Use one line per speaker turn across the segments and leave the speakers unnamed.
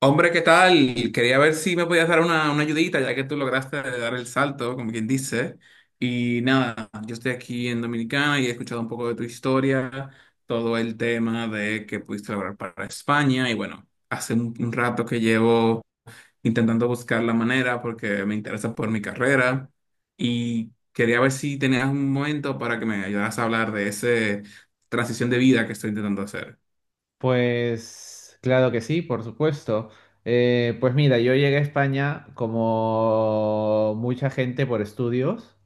Hombre, ¿qué tal? Quería ver si me podías dar una ayudita, ya que tú lograste dar el salto, como quien dice. Y nada, yo estoy aquí en Dominicana y he escuchado un poco de tu historia, todo el tema de que pudiste lograr para España. Y bueno, hace un rato que llevo intentando buscar la manera porque me interesa por mi carrera. Y quería ver si tenías un momento para que me ayudaras a hablar de esa transición de vida que estoy intentando hacer.
Pues claro que sí, por supuesto. Pues mira, yo llegué a España como mucha gente por estudios.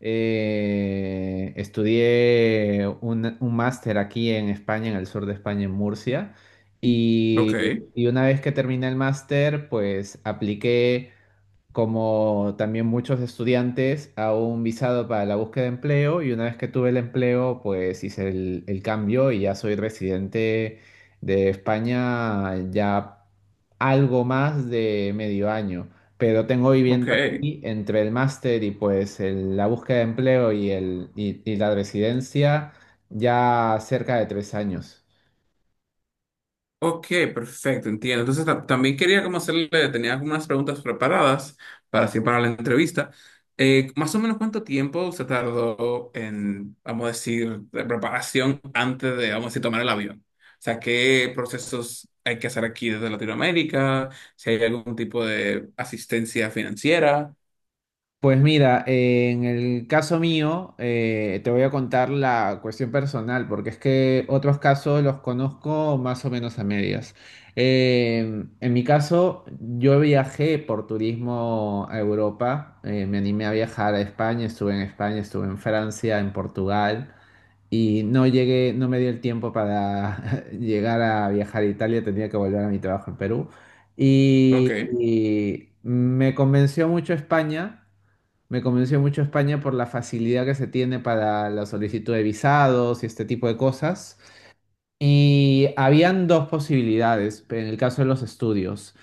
Estudié un máster aquí en España, en el sur de España, en Murcia.
Ok,
Y una vez que terminé el máster, pues apliqué como también muchos estudiantes, a un visado para la búsqueda de empleo, y una vez que tuve el empleo, pues hice el cambio y ya soy residente de España ya algo más de medio año, pero tengo viviendo
ok.
aquí entre el máster y pues la búsqueda de empleo y la residencia ya cerca de 3 años.
Ok, perfecto, entiendo. Entonces también quería como hacerle, tenía algunas preguntas preparadas para así para la entrevista. Más o menos cuánto tiempo se tardó en, vamos a decir, de preparación antes de, vamos a decir, tomar el avión. O sea, ¿qué procesos hay que hacer aquí desde Latinoamérica? Si hay algún tipo de asistencia financiera.
Pues mira, en el caso mío, te voy a contar la cuestión personal, porque es que otros casos los conozco más o menos a medias. En mi caso, yo viajé por turismo a Europa, me animé a viajar a España, estuve en Francia, en Portugal, y no llegué, no me dio el tiempo para llegar a viajar a Italia, tenía que volver a mi trabajo en Perú. Y,
Ok.
y me convenció mucho España. Me convenció mucho España por la facilidad que se tiene para la solicitud de visados y este tipo de cosas. Y habían dos posibilidades en el caso de los estudios: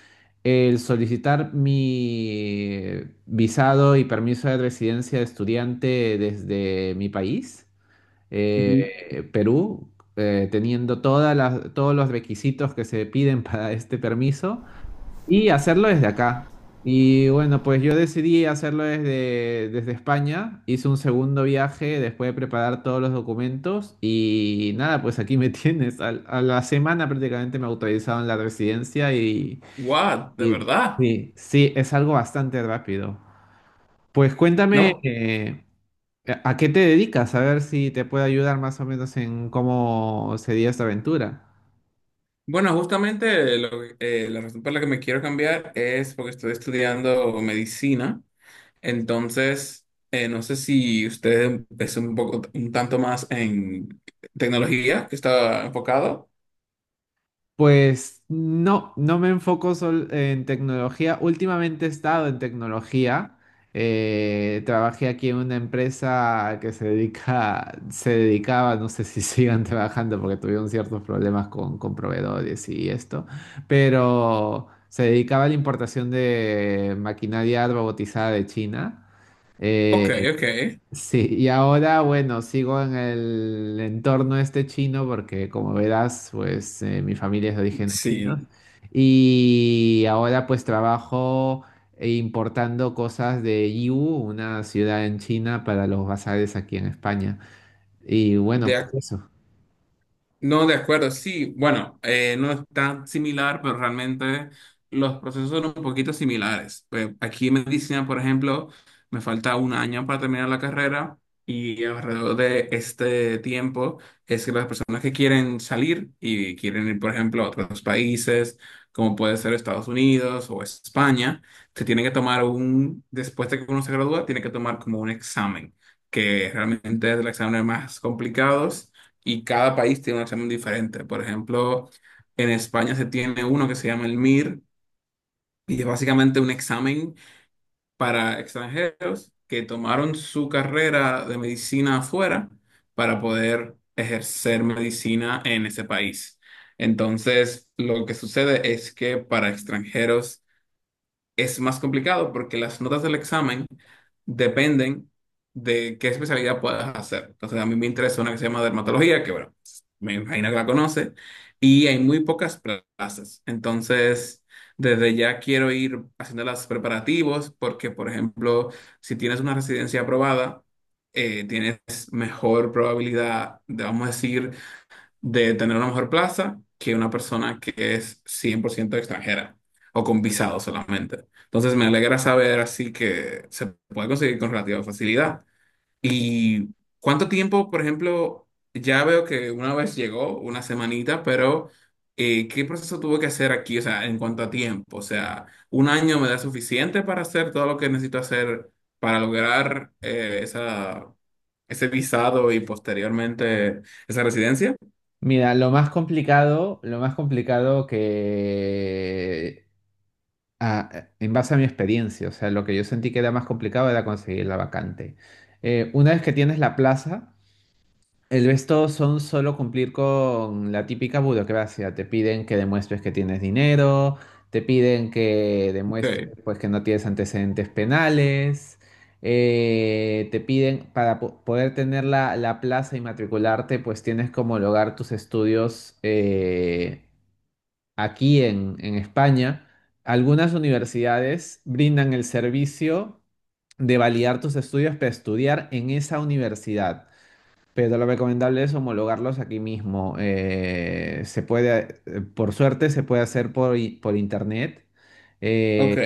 el solicitar mi visado y permiso de residencia de estudiante desde mi país,
Ujú.
Perú, teniendo todos los requisitos que se piden para este permiso, y hacerlo desde acá. Y bueno, pues yo decidí hacerlo desde España. Hice un segundo viaje después de preparar todos los documentos y nada, pues aquí me tienes. A la semana prácticamente me autorizaron la residencia
What, de
y
verdad.
sí, sí, es algo bastante rápido. Pues cuéntame,
No.
¿a qué te dedicas? A ver si te puedo ayudar más o menos en cómo sería esta aventura.
Bueno, justamente lo la razón por la que me quiero cambiar es porque estoy estudiando medicina. Entonces, no sé si usted es un poco, un tanto más en tecnología que está enfocado.
Pues no, no me enfoco en tecnología. Últimamente he estado en tecnología. Trabajé aquí en una empresa que se dedica, se dedicaba, no sé si sigan trabajando porque tuvieron ciertos problemas con proveedores y esto, pero se dedicaba a la importación de maquinaria robotizada de China.
Ok,
Eh,
ok.
Sí, y ahora, bueno, sigo en el entorno este chino porque, como verás, pues mi familia es de orígenes chinos,
Sí,
y ahora pues trabajo importando cosas de Yiwu, una ciudad en China, para los bazares aquí en España. Y
de,
bueno, pues
ac-
eso.
no, de acuerdo, sí, bueno, no es tan similar, pero realmente los procesos son un poquito similares. Pues aquí en medicina, por ejemplo, me falta un año para terminar la carrera y alrededor de este tiempo es que las personas que quieren salir y quieren ir, por ejemplo, a otros países, como puede ser Estados Unidos o España, se tienen que tomar un, después de que uno se gradúa, tiene que tomar como un examen, que realmente es el examen más complicado y cada país tiene un examen diferente. Por ejemplo, en España se tiene uno que se llama el MIR y es básicamente un examen para extranjeros que tomaron su carrera de medicina afuera para poder ejercer medicina en ese país. Entonces, lo que sucede es que para extranjeros es más complicado porque las notas del examen dependen de qué especialidad puedas hacer. Entonces, a mí me interesa una que se llama dermatología, que bueno, me imagino que la conoce, y hay muy pocas plazas. Entonces, desde ya quiero ir haciendo los preparativos porque, por ejemplo, si tienes una residencia aprobada, tienes mejor probabilidad, de, vamos a decir, de tener una mejor plaza que una persona que es 100% extranjera o con visado solamente. Entonces me alegra saber así que se puede conseguir con relativa facilidad. ¿Y cuánto tiempo, por ejemplo, ya veo que una vez llegó, una semanita, pero qué proceso tuvo que hacer aquí? O sea, en cuanto a tiempo, o sea, ¿un año me da suficiente para hacer todo lo que necesito hacer para lograr ese visado y posteriormente esa residencia?
Mira, lo más complicado que, ah, en base a mi experiencia, o sea, lo que yo sentí que era más complicado era conseguir la vacante. Una vez que tienes la plaza, el resto son solo cumplir con la típica burocracia. Te piden que demuestres que tienes dinero, te piden que
Ok.
demuestres, pues, que no tienes antecedentes penales, te piden para poder tener la plaza y matricularte, pues tienes que homologar tus estudios aquí en España. Algunas universidades brindan el servicio de validar tus estudios para estudiar en esa universidad, pero lo recomendable es homologarlos aquí mismo. Se puede, por suerte, se puede hacer por internet.
Ok.
Eh,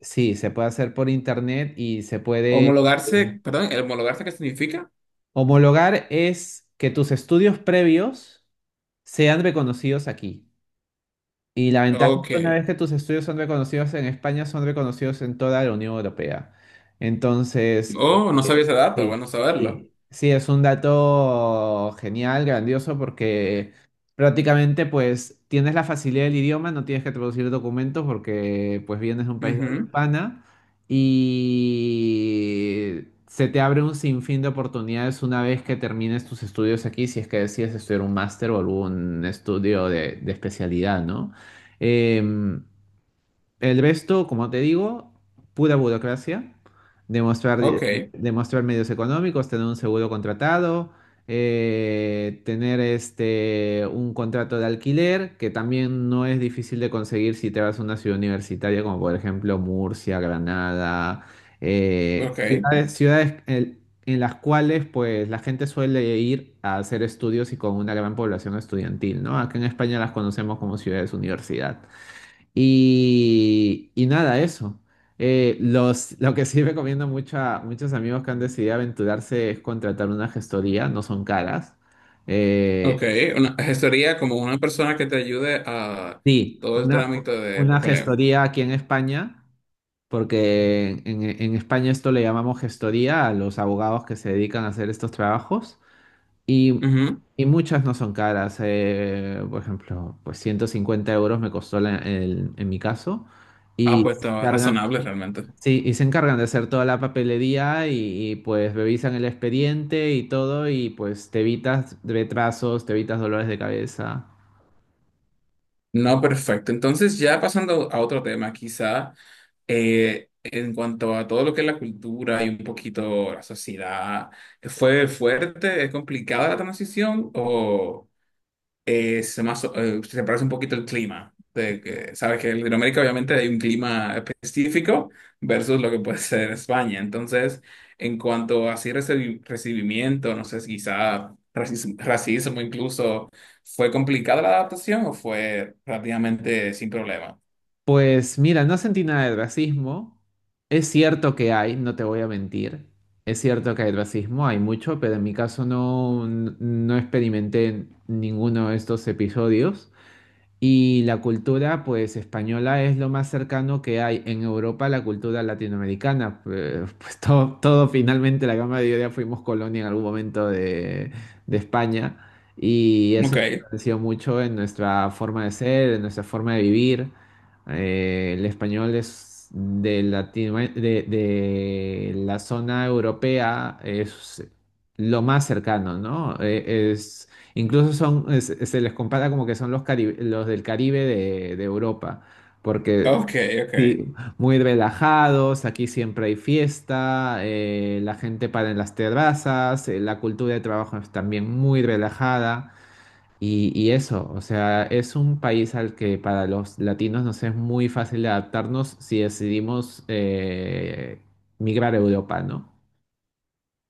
sí, se puede hacer por internet y se puede. eh,
Homologarse, perdón, ¿el homologarse qué significa?
Homologar es que tus estudios previos sean reconocidos aquí. Y la ventaja es
Ok.
que una vez que tus estudios son reconocidos en España, son reconocidos en toda la Unión Europea. Entonces,
Oh, no sabía ese dato, bueno
sí,
saberlo.
sí. Sí, es un dato genial, grandioso, porque prácticamente pues tienes la facilidad del idioma, no tienes que traducir documentos porque pues vienes de un país de habla
Ujú.
hispana, y se te abre un sinfín de oportunidades una vez que termines tus estudios aquí, si es que decides estudiar un máster o algún estudio de especialidad, ¿no? Eh, el resto, como te digo, pura burocracia: demostrar,
Ok,
demostrar medios económicos, tener un seguro contratado, tener este, un contrato de alquiler, que también no es difícil de conseguir si te vas a una ciudad universitaria, como por ejemplo Murcia, Granada,
ok,
ciudades en las cuales pues la gente suele ir a hacer estudios y con una gran población estudiantil, ¿no? Acá en España las conocemos como ciudades universidad. Y nada, eso. Lo que sí recomiendo mucho a muchos amigos que han decidido aventurarse es contratar una gestoría, no son caras. Eh,
ok. Una gestoría como una persona que te ayude a
sí,
todo el trámite de
una
papeleo.
gestoría aquí en España, porque en España esto le llamamos gestoría a los abogados que se dedican a hacer estos trabajos. Y,
Ujú.
y muchas no son caras. Por ejemplo, pues 150 € me costó, en mi caso.
Ah,
Y
pues
se
está
encargan,
razonable realmente.
sí, y se encargan de hacer toda la papelería y, pues revisan el expediente y todo, y pues te evitas retrasos, te evitas dolores de cabeza.
No, perfecto. Entonces, ya pasando a otro tema, quizá en cuanto a todo lo que es la cultura y un poquito la sociedad, ¿fue fuerte, es complicada la transición o...? Es más, se parece un poquito el clima. De que, sabes que en Latinoamérica obviamente hay un clima específico versus lo que puede ser España. Entonces, en cuanto a así recibimiento, no sé si quizá racismo, racismo incluso, ¿fue complicada la adaptación o fue relativamente sin problema?
Pues mira, no sentí nada de racismo. Es cierto que hay, no te voy a mentir. Es cierto que hay racismo, hay mucho, pero en mi caso no, no experimenté ninguno de estos episodios. Y la cultura, pues, española es lo más cercano que hay en Europa a la cultura latinoamericana. Pues, pues, todo, todo finalmente, la gran mayoría fuimos colonia en algún momento de, España. Y eso
Ok,
influenció mucho en nuestra forma de ser, en nuestra forma de vivir. El español, es de la zona europea, es lo más cercano, ¿no? Es Incluso son, se les compara como que son los del Caribe de Europa, porque
ok, ok.
sí, muy relajados, aquí siempre hay fiesta, la gente para en las terrazas, la cultura de trabajo es también muy relajada, y eso, o sea, es un país al que para los latinos nos es muy fácil adaptarnos si decidimos migrar a Europa, ¿no?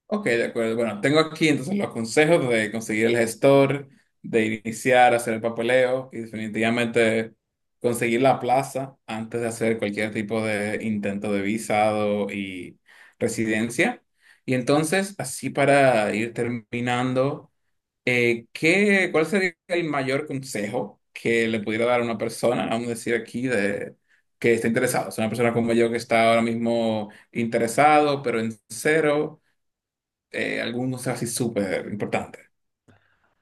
Ok, de acuerdo. Bueno, tengo aquí entonces los consejos de conseguir el gestor, de iniciar a hacer el papeleo y definitivamente conseguir la plaza antes de hacer cualquier tipo de intento de visado y residencia. Y entonces, así para ir terminando, ¿ cuál sería el mayor consejo que le pudiera dar a una persona, vamos a decir aquí, de, que está interesado? Es una persona como yo que está ahora mismo interesado, pero en cero algunos así súper importantes.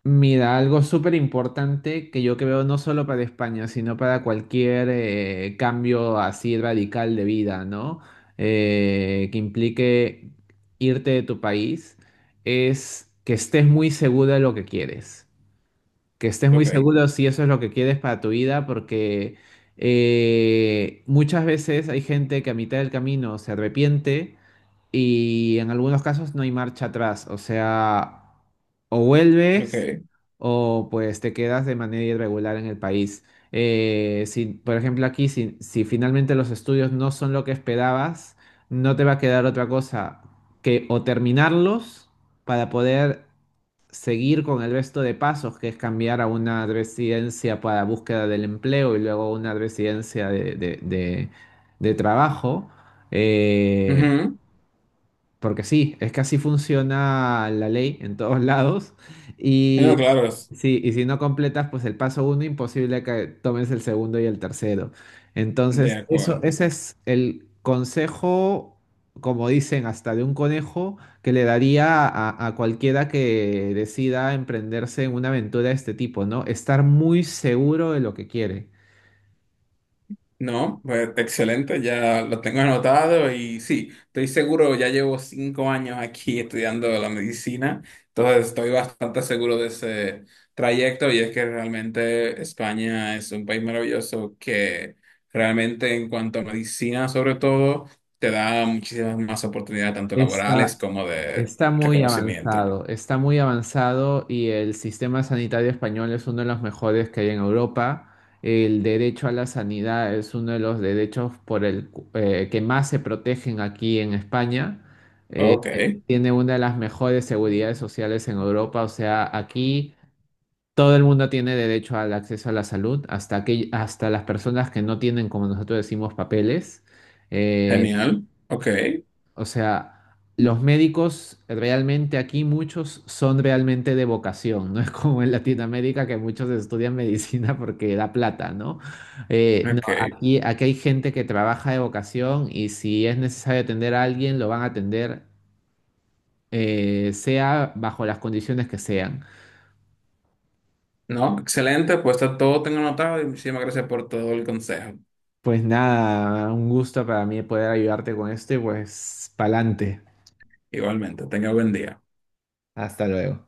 Mira, algo súper importante que yo creo no solo para España, sino para cualquier cambio así radical de vida, ¿no? Que implique irte de tu país, es que estés muy seguro de lo que quieres. Que estés muy
Ok,
seguro si eso es lo que quieres para tu vida, porque muchas veces hay gente que a mitad del camino se arrepiente, y en algunos casos no hay marcha atrás. O sea, o vuelves,
ok.
o pues te quedas de manera irregular en el país. Si, por ejemplo, aquí, si finalmente los estudios no son lo que esperabas, no te va a quedar otra cosa que o terminarlos para poder seguir con el resto de pasos, que es cambiar a una residencia para búsqueda del empleo y luego una residencia de trabajo. Eh,
Ujú.
porque sí, es que así funciona la ley en todos lados.
No,
Y,
claro,
sí, y si no completas, pues, el paso uno, imposible que tomes el segundo y el tercero.
de
Entonces, eso,
acuerdo.
ese es el consejo, como dicen, hasta de un conejo, que le daría a cualquiera que decida emprenderse en una aventura de este tipo, ¿no? Estar muy seguro de lo que quiere.
No, pues, excelente, ya lo tengo anotado y sí, estoy seguro, ya llevo 5 años aquí estudiando la medicina, entonces estoy bastante seguro de ese trayecto y es que realmente España es un país maravilloso que realmente en cuanto a medicina sobre todo te da muchísimas más oportunidades tanto laborales
Está,
como de
Está muy
reconocimiento.
avanzado, está muy avanzado, y el sistema sanitario español es uno de los mejores que hay en Europa. El derecho a la sanidad es uno de los derechos por que más se protegen aquí en España. Eh,
Ok.
eh, tiene una de las mejores seguridades sociales en Europa, o sea, aquí todo el mundo tiene derecho al acceso a la salud, hasta que, hasta las personas que no tienen, como nosotros decimos, papeles. Eh,
Genial. Ok,
o sea, los médicos realmente aquí muchos son realmente de vocación, no es como en Latinoamérica que muchos estudian medicina porque da plata, ¿no? No,
ok.
aquí, hay gente que trabaja de vocación, y si es necesario atender a alguien, lo van a atender, sea bajo las condiciones que sean.
No, excelente. Pues está todo tengo anotado y muchísimas gracias por todo el consejo.
Pues nada, un gusto para mí poder ayudarte con esto y pues pa'lante.
Igualmente, tenga buen día.
Hasta luego.